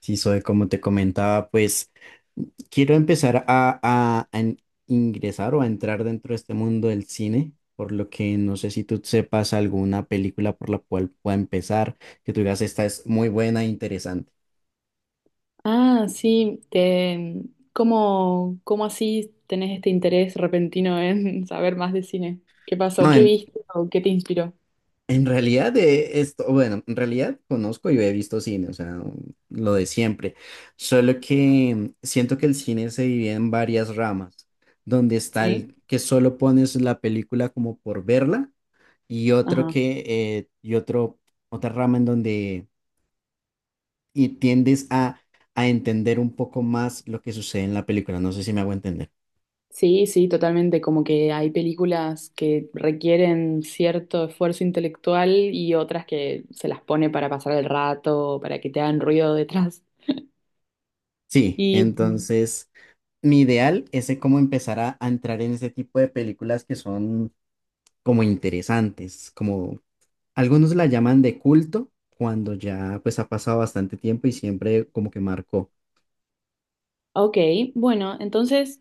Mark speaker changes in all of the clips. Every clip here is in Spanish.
Speaker 1: Sí, soy como te comentaba, pues quiero empezar a ingresar o a entrar dentro de este mundo del cine, por lo que no sé si tú sepas alguna película por la cual pueda empezar, que tú digas, esta es muy buena e interesante.
Speaker 2: Ah, sí, te, ¿cómo, cómo así tenés este interés repentino en saber más de cine? ¿Qué pasó?
Speaker 1: No,
Speaker 2: ¿Qué viste o qué te inspiró?
Speaker 1: en realidad de esto, bueno, en realidad conozco y he visto cine, o sea, lo de siempre, solo que siento que el cine se divide en varias ramas, donde está
Speaker 2: Sí.
Speaker 1: el que solo pones la película como por verla. Y otro
Speaker 2: Ajá.
Speaker 1: que, otra rama en donde y tiendes a entender un poco más lo que sucede en la película. No sé si me hago entender.
Speaker 2: Sí, sí, totalmente. Como que hay películas que requieren cierto esfuerzo intelectual y otras que se las pone para pasar el rato, para que te hagan ruido detrás.
Speaker 1: Sí,
Speaker 2: Y
Speaker 1: entonces mi ideal es de cómo empezar a entrar en ese tipo de películas que son como interesantes, como algunos la llaman de culto, cuando ya pues ha pasado bastante tiempo y siempre como que marcó,
Speaker 2: ok, bueno, entonces,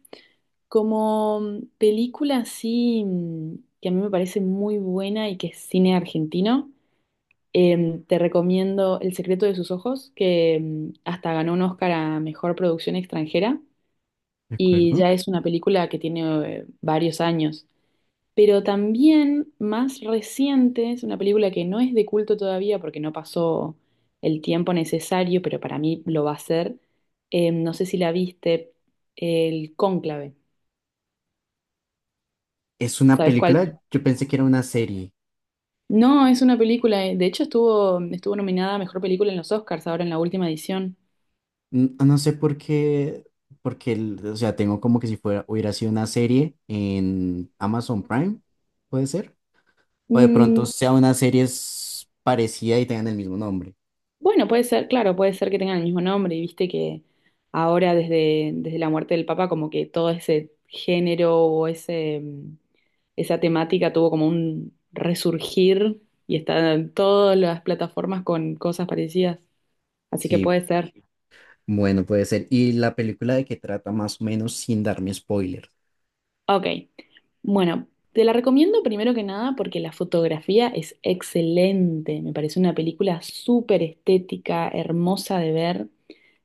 Speaker 2: como película así que a mí me parece muy buena y que es cine argentino, te recomiendo El secreto de sus ojos, que hasta ganó un Oscar a mejor producción extranjera
Speaker 1: ¿de
Speaker 2: y
Speaker 1: acuerdo?
Speaker 2: ya es una película que tiene varios años. Pero también más reciente, es una película que no es de culto todavía porque no pasó el tiempo necesario, pero para mí lo va a ser. No sé si la viste, El Cónclave.
Speaker 1: Es una
Speaker 2: ¿Sabes cuál?
Speaker 1: película, yo pensé que era una serie.
Speaker 2: No, es una película, de hecho estuvo nominada a Mejor Película en los Oscars ahora en la última edición.
Speaker 1: No sé por qué, o sea, tengo como que si fuera, hubiera sido una serie en Amazon Prime, puede ser. O de pronto
Speaker 2: Mm.
Speaker 1: sea parecida y tengan el mismo nombre.
Speaker 2: Bueno, puede ser, claro, puede ser que tengan el mismo nombre y viste que desde la muerte del Papa como que todo ese género o ese, mm, esa temática tuvo como un resurgir y están en todas las plataformas con cosas parecidas, así que
Speaker 1: Sí,
Speaker 2: puede ser.
Speaker 1: bueno, puede ser. ¿Y la película de qué trata más o menos sin darme spoiler?
Speaker 2: Ok, bueno, te la recomiendo primero que nada porque la fotografía es excelente, me parece una película súper estética, hermosa de ver.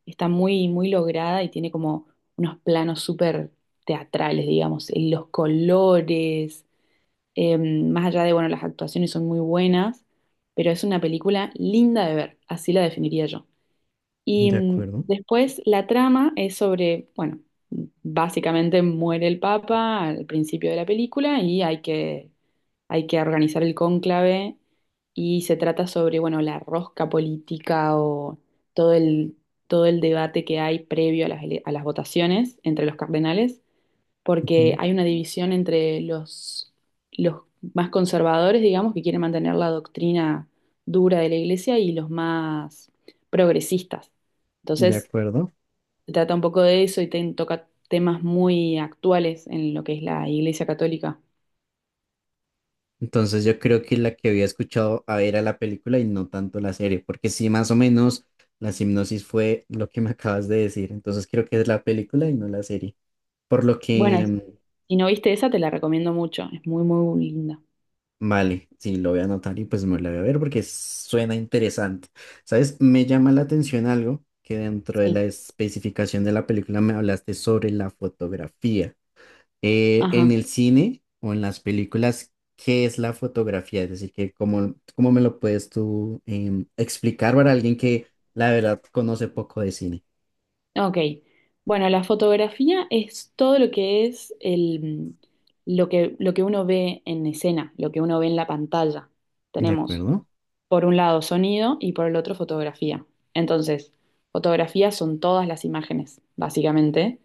Speaker 2: Está muy, muy lograda y tiene como unos planos súper teatrales, digamos, y los colores, más allá de, bueno, las actuaciones son muy buenas, pero es una película linda de ver, así la definiría yo. Y
Speaker 1: De
Speaker 2: mm,
Speaker 1: acuerdo.
Speaker 2: después la trama es sobre, bueno, básicamente muere el Papa al principio de la película y hay que organizar el cónclave y se trata sobre, bueno, la rosca política o todo el, todo el debate que hay previo a las, a las votaciones entre los cardenales, porque
Speaker 1: Ujú.
Speaker 2: hay una división entre los más conservadores, digamos, que quieren mantener la doctrina dura de la iglesia y los más progresistas.
Speaker 1: De
Speaker 2: Entonces,
Speaker 1: acuerdo.
Speaker 2: se trata un poco de eso y toca temas muy actuales en lo que es la iglesia católica.
Speaker 1: Entonces yo creo que la que había escuchado a ver a la película y no tanto la serie, porque sí, más o menos la hipnosis fue lo que me acabas de decir. Entonces creo que es la película y no la serie. Por lo
Speaker 2: Bueno,
Speaker 1: que,
Speaker 2: si no viste esa, te la recomiendo mucho. Es muy, muy linda.
Speaker 1: vale, sí, lo voy a anotar y pues me lo voy a ver porque suena interesante. ¿Sabes? Me llama la atención algo que dentro de la
Speaker 2: Sí.
Speaker 1: especificación de la película me hablaste sobre la fotografía. En
Speaker 2: Ajá.
Speaker 1: el cine o en las películas, ¿qué es la fotografía? Es decir, que cómo, cómo me lo puedes tú explicar para alguien que la verdad conoce poco de cine.
Speaker 2: Ok. Bueno, la fotografía es todo lo que es mm, lo que uno ve en escena, lo que uno ve en la pantalla.
Speaker 1: ¿De
Speaker 2: Tenemos
Speaker 1: acuerdo?
Speaker 2: por un lado sonido y por el otro fotografía. Entonces, fotografías son todas las imágenes, básicamente.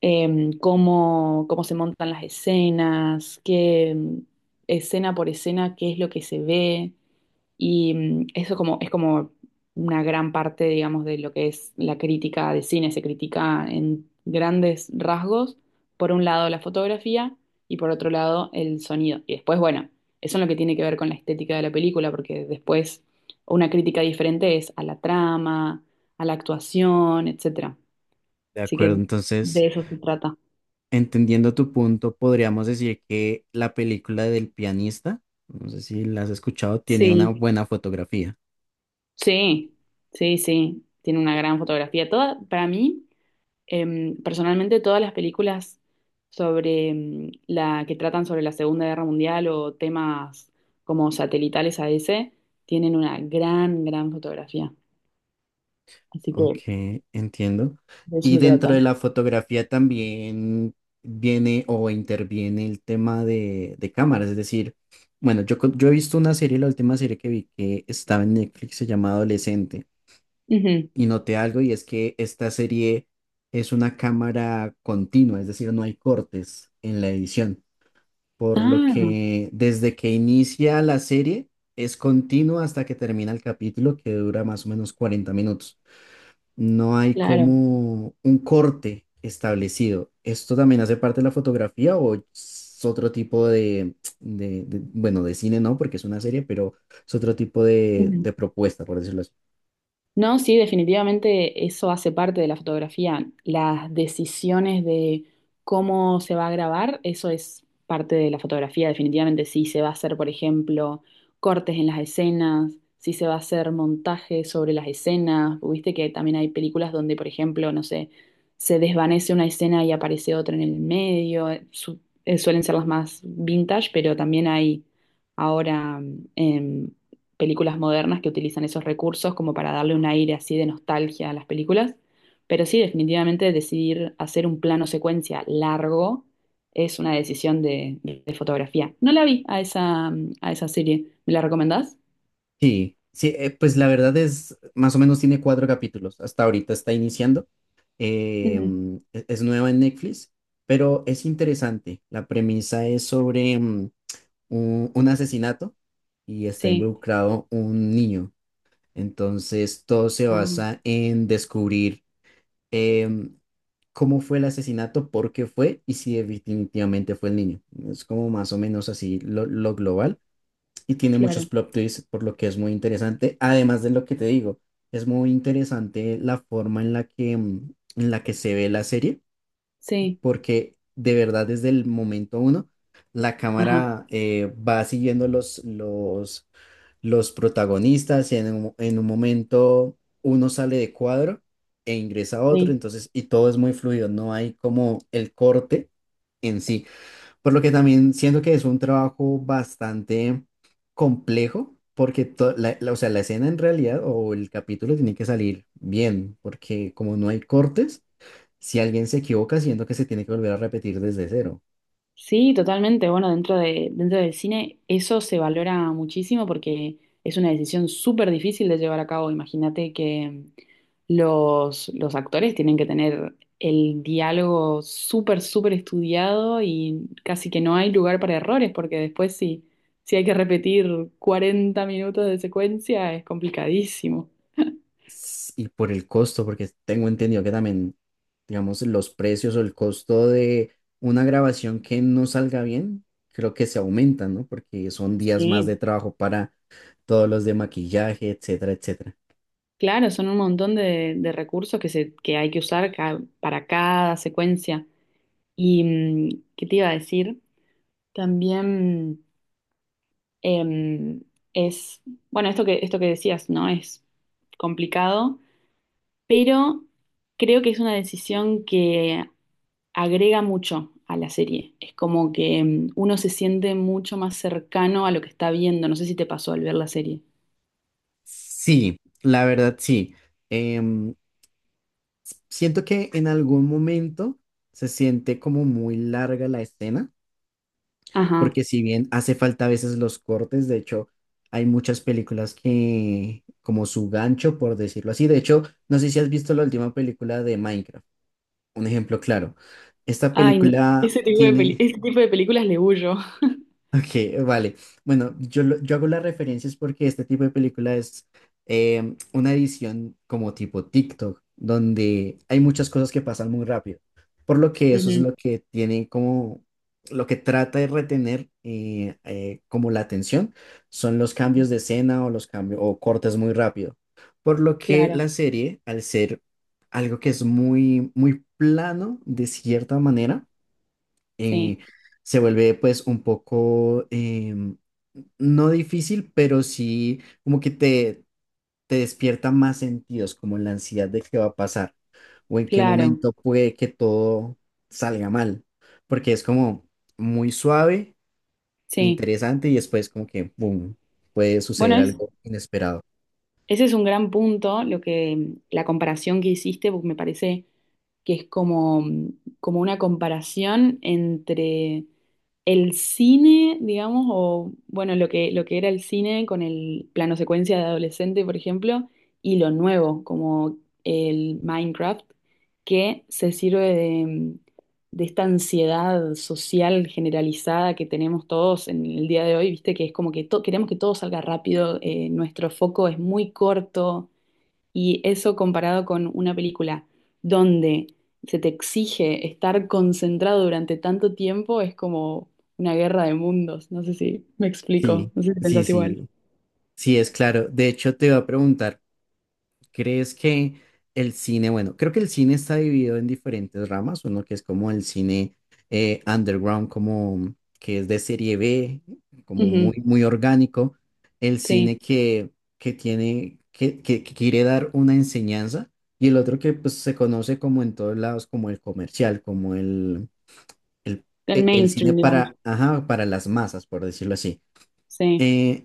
Speaker 2: Em, cómo se montan las escenas, qué escena por escena, qué es lo que se ve. Y mm, es como una gran parte, digamos, de lo que es la crítica de cine. Se critica en grandes rasgos, por un lado la fotografía y por otro lado el sonido. Y después, bueno, eso es lo que tiene que ver con la estética de la película, porque después una crítica diferente es a la trama, a la actuación, etcétera.
Speaker 1: De
Speaker 2: Así que
Speaker 1: acuerdo,
Speaker 2: de
Speaker 1: entonces,
Speaker 2: eso se trata.
Speaker 1: entendiendo tu punto, podríamos decir que la película del pianista, no sé si la has escuchado, tiene una
Speaker 2: Sí,
Speaker 1: buena fotografía.
Speaker 2: sí, sí, sí. Tiene una gran fotografía. Toda, para mí. Em, personalmente, todas las películas sobre la que tratan sobre la Segunda Guerra Mundial o temas como satelitales a ese tienen una gran, gran fotografía. Así
Speaker 1: Ok,
Speaker 2: que
Speaker 1: entiendo.
Speaker 2: de eso
Speaker 1: Y
Speaker 2: se
Speaker 1: dentro de
Speaker 2: trata.
Speaker 1: la fotografía también viene o interviene el tema de cámaras. Es decir, bueno, yo he visto una serie, la última serie que vi que estaba en Netflix se llama Adolescente.
Speaker 2: Ujú.
Speaker 1: Y noté algo y es que esta serie es una cámara continua, es decir, no hay cortes en la edición, por lo
Speaker 2: Ah,
Speaker 1: que desde que inicia la serie es continua hasta que termina el capítulo, que dura más o menos 40 minutos. No hay
Speaker 2: claro.
Speaker 1: como un corte establecido. ¿Esto también hace parte de la fotografía o es otro tipo de, bueno, de cine no, porque es una serie, pero es otro tipo de propuesta, por decirlo así?
Speaker 2: No, sí, definitivamente eso hace parte de la fotografía. Las decisiones de cómo se va a grabar, eso es parte de la fotografía, definitivamente. Si se va a hacer, por ejemplo, cortes en las escenas, si se va a hacer montaje sobre las escenas. Viste que también hay películas donde, por ejemplo, no sé, se desvanece una escena y aparece otra en el medio. Suelen ser las más vintage, pero también hay ahora em, películas modernas que utilizan esos recursos como para darle un aire así de nostalgia a las películas. Pero sí, definitivamente decidir hacer un plano secuencia largo es una decisión de fotografía. No la vi a esa serie. ¿Me la recomendás?
Speaker 1: Sí, sí, pues la verdad es, más o menos tiene cuatro capítulos, hasta ahorita está iniciando,
Speaker 2: Ujú.
Speaker 1: es nueva en Netflix, pero es interesante, la premisa es sobre un asesinato y está
Speaker 2: Sí.
Speaker 1: involucrado un niño, entonces todo se
Speaker 2: Ah,
Speaker 1: basa en descubrir em, cómo fue el asesinato, por qué fue y si definitivamente fue el niño, es como más o menos así lo global y tiene muchos
Speaker 2: claro.
Speaker 1: plot twists, por lo que es muy interesante. Además de lo que te digo, es muy interesante la forma en la que, en la que se ve la serie,
Speaker 2: Sí.
Speaker 1: porque de verdad desde el momento uno, la
Speaker 2: Ajá.
Speaker 1: cámara va siguiendo los protagonistas y en en un momento uno sale de cuadro e ingresa a otro,
Speaker 2: Sí.
Speaker 1: entonces, y todo es muy fluido, no hay como el corte en sí. Por lo que también siento que es un trabajo bastante complejo, porque o sea, la escena en realidad o el capítulo tiene que salir bien, porque como no hay cortes, si alguien se equivoca, siento que se tiene que volver a repetir desde cero.
Speaker 2: Sí, totalmente. Bueno, dentro del cine eso se valora muchísimo porque es una decisión súper difícil de llevar a cabo. Imagínate que los actores tienen que tener el diálogo súper, súper estudiado y casi que no hay lugar para errores porque después si hay que repetir 40 minutos de secuencia es complicadísimo.
Speaker 1: Y por el costo, porque tengo entendido que también, digamos, los precios o el costo de una grabación que no salga bien, creo que se aumentan, ¿no? Porque son días más de
Speaker 2: Sí,
Speaker 1: trabajo para todos los de maquillaje, etcétera, etcétera.
Speaker 2: claro, son un montón de recursos que hay que usar para cada secuencia. Y, mm, ¿qué te iba a decir? También em, es, bueno, esto que decías, ¿no? Es complicado, pero creo que es una decisión que agrega mucho a la serie. Es como que uno se siente mucho más cercano a lo que está viendo. No sé si te pasó al ver la serie.
Speaker 1: Sí, la verdad sí. Em, siento que en algún momento se siente como muy larga la escena,
Speaker 2: Ajá.
Speaker 1: porque si bien hace falta a veces los cortes, de hecho, hay muchas películas que, como su gancho, por decirlo así. De hecho, no sé si has visto la última película de Minecraft. Un ejemplo claro. Esta
Speaker 2: Ay, no.
Speaker 1: película tiene,
Speaker 2: Ese tipo de películas le huyo.
Speaker 1: Ok, vale. Bueno, yo hago las referencias porque este tipo de película es una edición como tipo TikTok, donde hay muchas cosas que pasan muy rápido. Por lo que eso es
Speaker 2: Ujú,
Speaker 1: lo que tiene como, lo que trata de retener como la atención, son los cambios de escena o los cambios o cortes muy rápido. Por lo que
Speaker 2: claro,
Speaker 1: la serie, al ser algo que es muy, muy plano de cierta manera, eh,
Speaker 2: sí,
Speaker 1: se vuelve pues un poco, em, no difícil, pero sí como que te despierta más sentidos, como la ansiedad de qué va a pasar o en qué
Speaker 2: claro,
Speaker 1: momento puede que todo salga mal, porque es como muy suave,
Speaker 2: sí.
Speaker 1: interesante y después como que, boom, puede
Speaker 2: Bueno,
Speaker 1: suceder
Speaker 2: es,
Speaker 1: algo inesperado.
Speaker 2: ese es un gran punto, lo que la comparación que hiciste, porque me parece que es como una comparación entre el cine, digamos, o bueno, lo que era el cine con el plano secuencia de adolescente, por ejemplo, y lo nuevo, como el Minecraft, que se sirve de esta ansiedad social generalizada que tenemos todos en el día de hoy, viste, que es como que queremos que todo salga rápido, nuestro foco es muy corto y eso comparado con una película donde se te exige estar concentrado durante tanto tiempo es como una guerra de mundos. No sé si me explico,
Speaker 1: Sí,
Speaker 2: no sé si
Speaker 1: sí,
Speaker 2: pensás igual.
Speaker 1: sí, sí, es claro. De hecho, te iba a preguntar. ¿Crees que el cine, bueno, creo que el cine está dividido en diferentes ramas, uno que es como el cine underground, como que es de serie B, como
Speaker 2: Ujú,
Speaker 1: muy, muy orgánico, el cine
Speaker 2: sí,
Speaker 1: que, que quiere dar una enseñanza, y el otro que pues se conoce como en todos lados, como el comercial, como el,
Speaker 2: el
Speaker 1: el cine
Speaker 2: mainstream,
Speaker 1: para,
Speaker 2: digamos.
Speaker 1: ajá, para las masas, por decirlo así.
Speaker 2: Sí,
Speaker 1: Eh,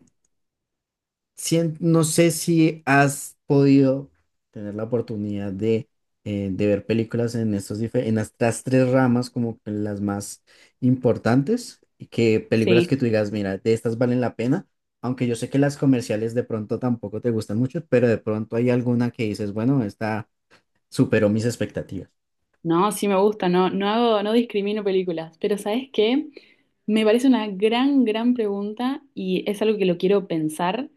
Speaker 1: no sé si has podido tener la oportunidad de ver películas en en estas tres ramas como que las más importantes y que películas
Speaker 2: sí.
Speaker 1: que tú digas, mira, de estas valen la pena, aunque yo sé que las comerciales de pronto tampoco te gustan mucho, pero de pronto hay alguna que dices, bueno, esta superó mis expectativas,
Speaker 2: No, sí me gusta, no, no hago, no discrimino películas, pero ¿sabes qué? Me parece una gran, gran pregunta y es algo que lo quiero pensar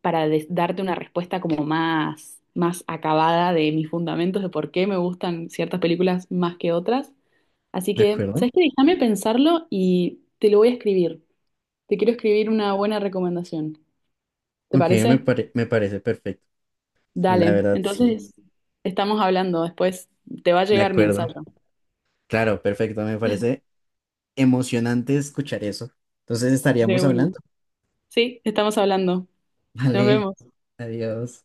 Speaker 2: para darte una respuesta como más, más acabada de mis fundamentos de por qué me gustan ciertas películas más que otras. Así
Speaker 1: ¿de
Speaker 2: que,
Speaker 1: acuerdo?
Speaker 2: ¿sabes qué? Déjame pensarlo y te lo voy a escribir. Te quiero escribir una buena recomendación. ¿Te
Speaker 1: Ok,
Speaker 2: parece?
Speaker 1: me parece perfecto, la
Speaker 2: Dale.
Speaker 1: verdad sí,
Speaker 2: Entonces, estamos hablando. Después te va a
Speaker 1: de
Speaker 2: llegar mi
Speaker 1: acuerdo.
Speaker 2: ensayo.
Speaker 1: Claro, perfecto, me parece emocionante escuchar eso. Entonces
Speaker 2: De
Speaker 1: estaríamos
Speaker 2: una.
Speaker 1: hablando.
Speaker 2: Sí, estamos hablando. Nos
Speaker 1: Vale,
Speaker 2: vemos.
Speaker 1: adiós.